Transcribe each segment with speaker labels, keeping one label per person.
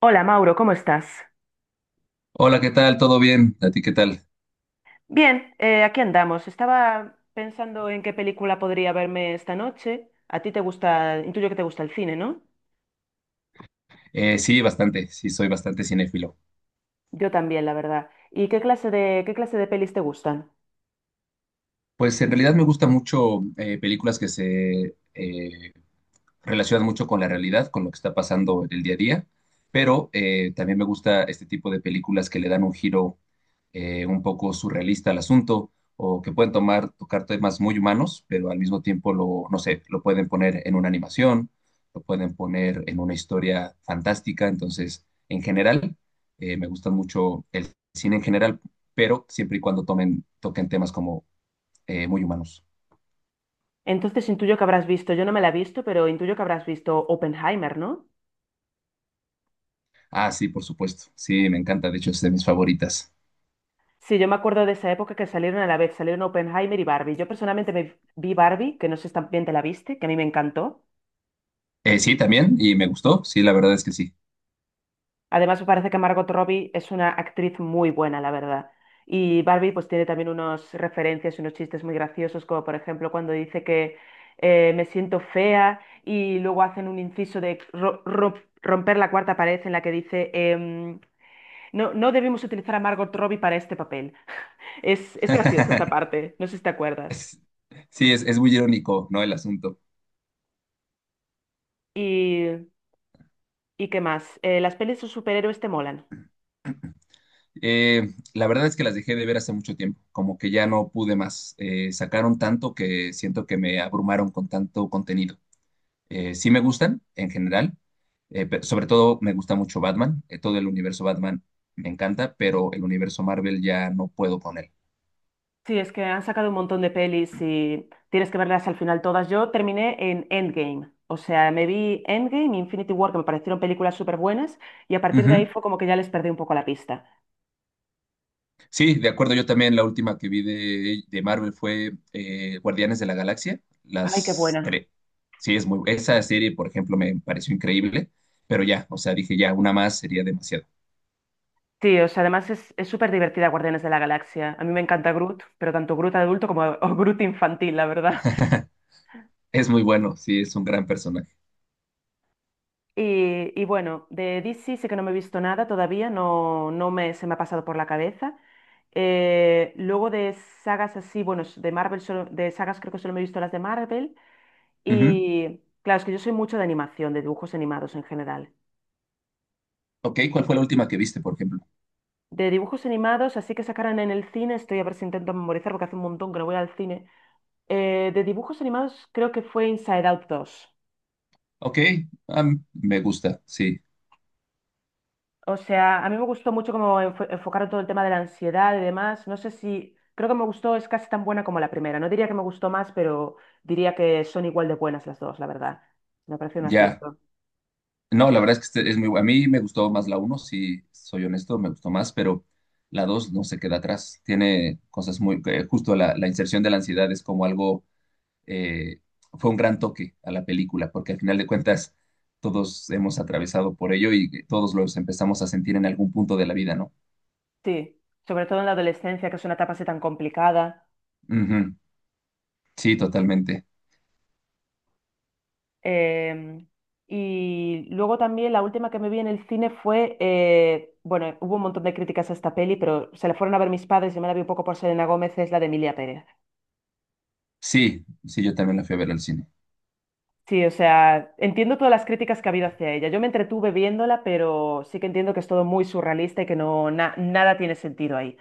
Speaker 1: Hola Mauro, ¿cómo estás?
Speaker 2: Hola, ¿qué tal? ¿Todo bien? ¿A ti qué tal?
Speaker 1: Bien, aquí andamos. Estaba pensando en qué película podría verme esta noche. A ti te gusta, intuyo que te gusta el cine, ¿no?
Speaker 2: Sí, bastante, sí, soy bastante cinéfilo.
Speaker 1: Yo también, la verdad. ¿Y qué clase de pelis te gustan?
Speaker 2: Pues en realidad me gusta mucho, películas que se relacionan mucho con la realidad, con lo que está pasando en el día a día, pero, también me gusta este tipo de películas que le dan un giro, un poco surrealista al asunto, o que pueden tocar temas muy humanos, pero al mismo tiempo lo, no sé, lo pueden poner en una animación, lo pueden poner en una historia fantástica. Entonces, en general, me gusta mucho el cine en general, pero siempre y cuando toquen temas como, muy humanos.
Speaker 1: Entonces intuyo que habrás visto, yo no me la he visto, pero intuyo que habrás visto Oppenheimer, ¿no?
Speaker 2: Ah, sí, por supuesto, sí, me encanta, de hecho es de mis favoritas.
Speaker 1: Sí, yo me acuerdo de esa época que salieron a la vez, salieron Oppenheimer y Barbie. Yo personalmente me vi Barbie, que no sé si también te la viste, que a mí me encantó.
Speaker 2: Sí, también, y me gustó, sí, la verdad es que sí.
Speaker 1: Además, me parece que Margot Robbie es una actriz muy buena, la verdad. Y Barbie pues tiene también unos referencias y unos chistes muy graciosos, como por ejemplo cuando dice que me siento fea y luego hacen un inciso de romper la cuarta pared en la que dice no, no debemos utilizar a Margot Robbie para este papel. Es gracioso esta parte, no sé si te acuerdas.
Speaker 2: Es- sí, es muy irónico, ¿no? El asunto.
Speaker 1: ¿Y, y qué más? ¿Las pelis de superhéroes te molan?
Speaker 2: La verdad es que las dejé de ver hace mucho tiempo, como que ya no pude más. Sacaron tanto que siento que me abrumaron con tanto contenido. Sí me gustan, en general, sobre todo me gusta mucho Batman, todo el universo Batman me encanta, pero el universo Marvel ya no puedo con él.
Speaker 1: Sí, es que han sacado un montón de pelis y tienes que verlas al final todas. Yo terminé en Endgame, o sea, me vi Endgame y Infinity War, que me parecieron películas súper buenas, y a partir de ahí fue como que ya les perdí un poco la pista.
Speaker 2: Sí, de acuerdo, yo también la última que vi de Marvel fue, Guardianes de la Galaxia,
Speaker 1: Ay, qué
Speaker 2: las
Speaker 1: buena.
Speaker 2: tres. Sí, es muy, esa serie, por ejemplo, me pareció increíble, pero ya, o sea, dije ya, una más sería demasiado.
Speaker 1: Sí, o sea, además es súper divertida Guardianes de la Galaxia. A mí me encanta Groot, pero tanto Groot adulto como o Groot infantil, la verdad.
Speaker 2: Es muy bueno, sí, es un gran personaje.
Speaker 1: Y bueno, de DC sí que no me he visto nada todavía, no, no me, se me ha pasado por la cabeza. Luego de sagas así, bueno, de Marvel, de sagas creo que solo me he visto las de Marvel.
Speaker 2: Ujú.
Speaker 1: Y claro, es que yo soy mucho de animación, de dibujos animados en general.
Speaker 2: Ok, ¿cuál fue la última que viste, por ejemplo?
Speaker 1: De dibujos animados, así que sacaran en el cine, estoy a ver si intento memorizar porque hace un montón que no voy al cine. De dibujos animados creo que fue Inside Out dos.
Speaker 2: Ok, ah, me gusta, sí.
Speaker 1: O sea, a mí me gustó mucho cómo enfocaron todo el tema de la ansiedad y demás. No sé si, creo que me gustó, es casi tan buena como la primera. No diría que me gustó más, pero diría que son igual de buenas las dos, la verdad. Me parece un
Speaker 2: Ya.
Speaker 1: acierto.
Speaker 2: No, la verdad es que este es muy a mí me gustó más la uno, si soy honesto, me gustó más, pero la 2 no se queda atrás. Tiene cosas muy... justo la inserción de la ansiedad es como algo. eh, Fue un gran toque a la película, porque al final de cuentas todos hemos atravesado por ello y todos los empezamos a sentir en algún punto de la vida, ¿no?
Speaker 1: Sí, sobre todo en la adolescencia, que es una etapa así tan complicada.
Speaker 2: Ujú. Sí, totalmente.
Speaker 1: Em, y luego también la última que me vi en el cine fue, bueno, hubo un montón de críticas a esta peli, pero se la fueron a ver mis padres y me la vi un poco por Selena Gómez, es la de Emilia Pérez.
Speaker 2: Sí, sí, yo también la fui a ver al cine.
Speaker 1: Sí, o sea, entiendo todas las críticas que ha habido hacia ella. Yo me entretuve viéndola, pero sí que entiendo que es todo muy surrealista y que nada tiene sentido ahí.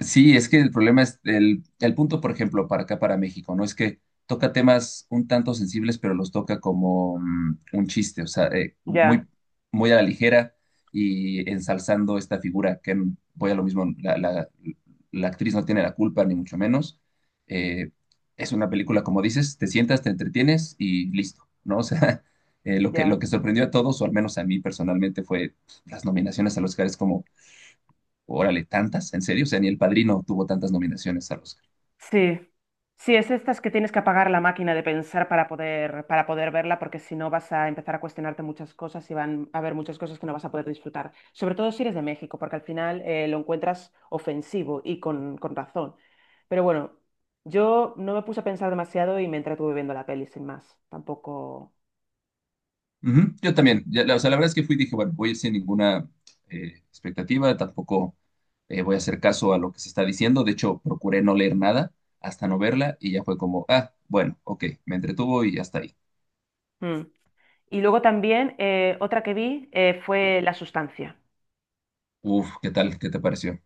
Speaker 2: Sí, es que el problema es el punto, por ejemplo, para acá, para México, ¿no? Es que toca temas un tanto sensibles, pero los toca como un chiste, o sea,
Speaker 1: Ya,
Speaker 2: muy, muy a la ligera y ensalzando esta figura, que voy a lo mismo, la actriz no tiene la culpa, ni mucho menos. Eh, es una película, como dices, te sientas, te entretienes y listo, ¿no? O sea, lo
Speaker 1: ya.
Speaker 2: lo que sorprendió a todos, o al menos a mí personalmente, fue las nominaciones a los Oscar, como órale, tantas, en serio, o sea, ni El Padrino tuvo tantas nominaciones al Oscar.
Speaker 1: Sí. Sí, es estas que tienes que apagar la máquina de pensar para poder verla, porque si no vas a empezar a cuestionarte muchas cosas y van a haber muchas cosas que no vas a poder disfrutar. Sobre todo si eres de México, porque al final lo encuentras ofensivo y con razón. Pero bueno, yo no me puse a pensar demasiado y me entretuve viendo la peli sin más. Tampoco.
Speaker 2: Ujú. Yo también, ya, o sea, la verdad es que fui y dije, bueno, voy sin ninguna, expectativa, tampoco, voy a hacer caso a lo que se está diciendo. De hecho, procuré no leer nada hasta no verla, y ya fue como, ah, bueno, ok, me entretuvo y hasta ahí.
Speaker 1: Mm. Y luego también otra que vi fue La Sustancia.
Speaker 2: Uf, ¿qué tal? ¿Qué te pareció?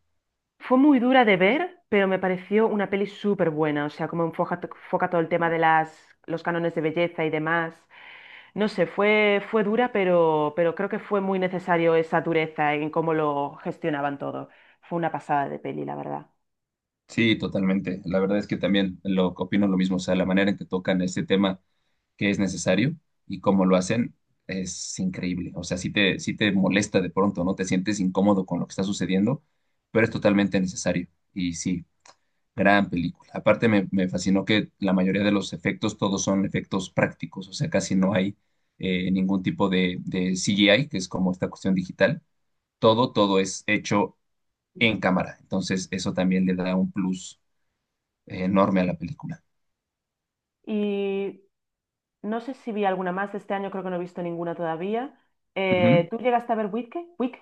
Speaker 1: Fue muy dura de ver, pero me pareció una peli súper buena. O sea, como enfoca todo el tema de las, los cánones de belleza y demás. No sé, fue dura, pero creo que fue muy necesario esa dureza en cómo lo gestionaban todo. Fue una pasada de peli, la verdad.
Speaker 2: Sí, totalmente. La verdad es que también lo opino lo mismo, o sea, la manera en que tocan este tema, que es necesario, y cómo lo hacen es increíble. O sea, sí te molesta de pronto, ¿no? Te sientes incómodo con lo que está sucediendo, pero es totalmente necesario. Y sí, gran película. Aparte me fascinó que la mayoría de los efectos, todos son efectos prácticos, o sea, casi no hay, ningún tipo de CGI, que es como esta cuestión digital. Todo es hecho en cámara. Entonces, eso también le da un plus, enorme a la película.
Speaker 1: Y no sé si vi alguna más de este año, creo que no he visto ninguna todavía.
Speaker 2: Ujú.
Speaker 1: ¿Tú llegaste a ver Wicked? Wicked,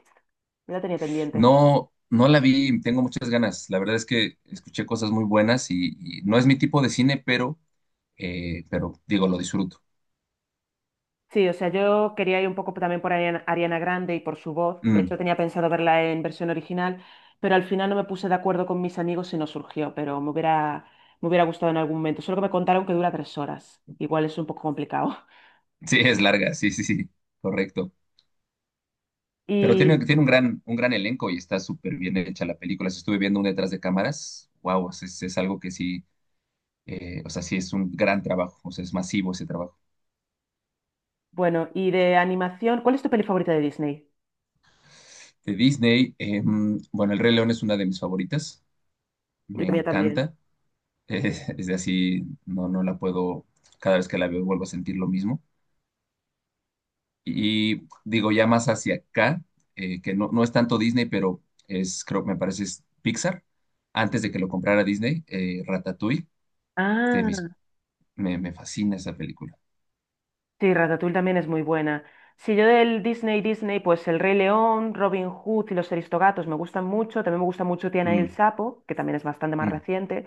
Speaker 1: la tenía pendiente.
Speaker 2: No, no la vi, tengo muchas ganas. La verdad es que escuché cosas muy buenas y no es mi tipo de cine, pero digo, lo disfruto.
Speaker 1: Sí, o sea, yo quería ir un poco también por Ariana Grande y por su voz. De
Speaker 2: Mm.
Speaker 1: hecho, tenía pensado verla en versión original, pero al final no me puse de acuerdo con mis amigos y no surgió, pero me hubiera gustado en algún momento. Solo que me contaron que dura 3 horas. Igual es un poco complicado.
Speaker 2: Sí, es larga, sí, sí, sí, correcto. Pero
Speaker 1: Y
Speaker 2: tiene un un gran elenco y está súper bien hecha la película. Si estuve viendo un detrás de cámaras, wow, es algo que sí, o sea, sí es un gran trabajo, o sea, es masivo ese trabajo.
Speaker 1: bueno, y de animación, ¿cuál es tu peli favorita de Disney?
Speaker 2: De Disney, bueno, El Rey León es una de mis favoritas,
Speaker 1: La
Speaker 2: me
Speaker 1: mía también.
Speaker 2: encanta. Es de así, no la puedo, cada vez que la veo vuelvo a sentir lo mismo. Y digo, ya más hacia acá, que no, no es tanto Disney, pero es, creo que me parece es Pixar. Antes de que lo comprara Disney, Ratatouille, de mis,
Speaker 1: Ah,
Speaker 2: me fascina esa película.
Speaker 1: sí, Ratatouille también es muy buena. Si yo del Disney, pues El Rey León, Robin Hood y Los Aristogatos me gustan mucho. También me gusta mucho Tiana y el
Speaker 2: Mm.
Speaker 1: Sapo, que también es bastante más
Speaker 2: Mm.
Speaker 1: reciente.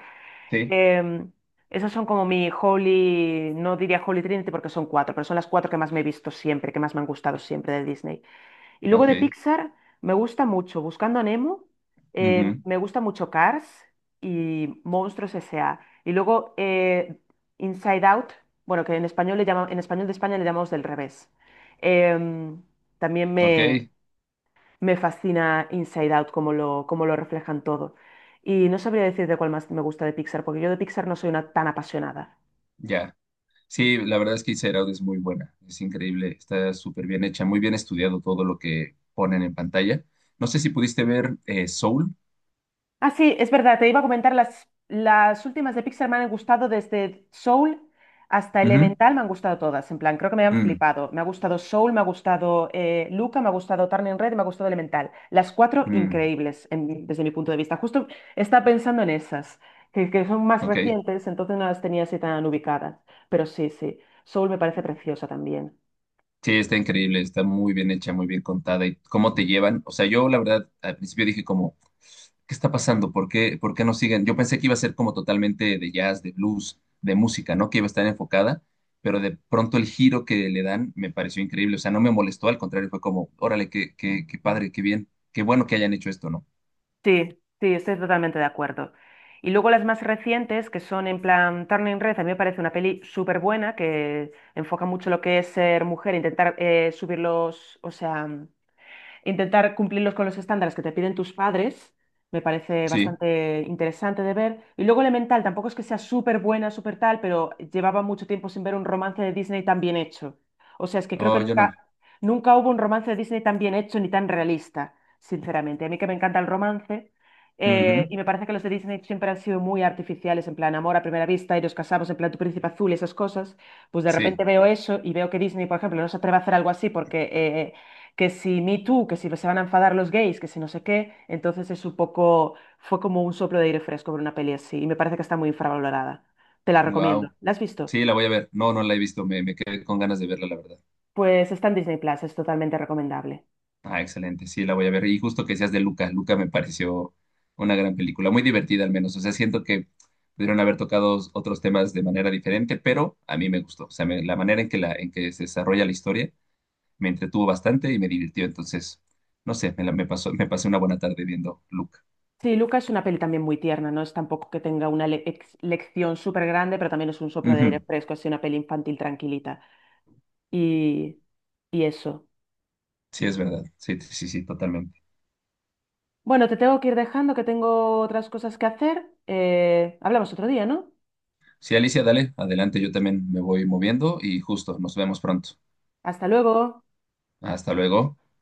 Speaker 2: Sí.
Speaker 1: Em, Esas son como mi Holy, no diría Holy Trinity porque son cuatro, pero son las cuatro que más me he visto siempre, que más me han gustado siempre de Disney. Y luego
Speaker 2: Ok.
Speaker 1: de Pixar me gusta mucho Buscando a Nemo,
Speaker 2: Ujú.
Speaker 1: me gusta mucho Cars y Monstruos S.A. Y luego Inside Out, bueno, que en español le llama, en español de España le llamamos del revés. Em, También
Speaker 2: Ok.
Speaker 1: me fascina Inside Out, cómo lo reflejan todo. Y no sabría decirte cuál más me gusta de Pixar, porque yo de Pixar no soy una tan apasionada.
Speaker 2: Ya. Sí, la verdad es que Inside Out es muy buena, es increíble, está súper bien hecha, muy bien estudiado todo lo que ponen en pantalla. No sé si pudiste ver, Soul.
Speaker 1: Ah, sí, es verdad, te iba a comentar, las últimas de Pixar me han gustado desde Soul hasta
Speaker 2: Ujú.
Speaker 1: Elemental, me han gustado todas, en plan, creo que me han
Speaker 2: Mm.
Speaker 1: flipado. Me ha gustado Soul, me ha gustado Luca, me ha gustado Turning Red, y me ha gustado Elemental. Las cuatro
Speaker 2: Mm.
Speaker 1: increíbles desde mi punto de vista. Justo estaba pensando en esas, que son más
Speaker 2: Ok.
Speaker 1: recientes, entonces no las tenía así tan ubicadas. Pero sí, sí, Soul me parece preciosa también.
Speaker 2: Sí, está increíble, está muy bien hecha, muy bien contada. ¿Y cómo te llevan? O sea, yo la verdad al principio dije como, ¿qué está pasando? ¿Por qué no siguen? Yo pensé que iba a ser como totalmente de jazz, de blues, de música, ¿no? Que iba a estar enfocada, pero de pronto el giro que le dan me pareció increíble. O sea, no me molestó, al contrario, fue como, órale, qué padre, qué bien, qué bueno que hayan hecho esto, ¿no?
Speaker 1: Sí, sí, estoy totalmente de acuerdo. Y luego las más recientes, que son en plan Turning Red, a mí me parece una peli súper buena, que enfoca mucho lo que es ser mujer, intentar subir los, o sea, intentar cumplirlos con los estándares que te piden tus padres, me parece
Speaker 2: Sí.
Speaker 1: bastante interesante de ver. Y luego Elemental, tampoco es que sea súper buena, súper tal, pero llevaba mucho tiempo sin ver un romance de Disney tan bien hecho. O sea, es que creo que
Speaker 2: Oh, yo
Speaker 1: nunca,
Speaker 2: no.
Speaker 1: nunca hubo un romance de Disney tan bien hecho ni tan realista, sinceramente. A mí que me encanta el romance. Eh,
Speaker 2: Ujú.
Speaker 1: y me parece que los de Disney siempre han sido muy artificiales, en plan amor a primera vista y nos casamos, en plan tu príncipe azul y esas cosas. Pues de repente
Speaker 2: Sí.
Speaker 1: veo eso y veo que Disney, por ejemplo, no se atreve a hacer algo así porque que si Me Too, que si se van a enfadar los gays, que si no sé qué, entonces es un poco, fue como un soplo de aire fresco ver una peli así y me parece que está muy infravalorada. Te la recomiendo.
Speaker 2: Wow.
Speaker 1: ¿La has visto?
Speaker 2: Sí, la voy a ver. No, no la he visto, me quedé con ganas de verla, la verdad.
Speaker 1: Pues está en Disney Plus, es totalmente recomendable.
Speaker 2: Ah, excelente, sí, la voy a ver. Y justo que seas de Luca, Luca me pareció una gran película, muy divertida al menos. O sea, siento que pudieron haber tocado otros temas de manera diferente, pero a mí me gustó. O sea, la manera en en que se desarrolla la historia me entretuvo bastante y me divirtió. Entonces, no sé, me, la- me pasó, me pasé una buena tarde viendo Luca.
Speaker 1: Sí, Luca es una peli también muy tierna, no es tampoco que tenga una lección súper grande, pero también es un soplo de aire
Speaker 2: Ujú.
Speaker 1: fresco, así una peli infantil tranquilita. Y, y eso.
Speaker 2: Sí, es verdad. Sí, sí, sí, totalmente.
Speaker 1: Bueno, te tengo que ir dejando, que tengo otras cosas que hacer. Hablamos otro día, ¿no?
Speaker 2: Sí, Alicia, dale, adelante, yo también me voy moviendo y justo, nos vemos pronto.
Speaker 1: Hasta luego.
Speaker 2: Hasta luego.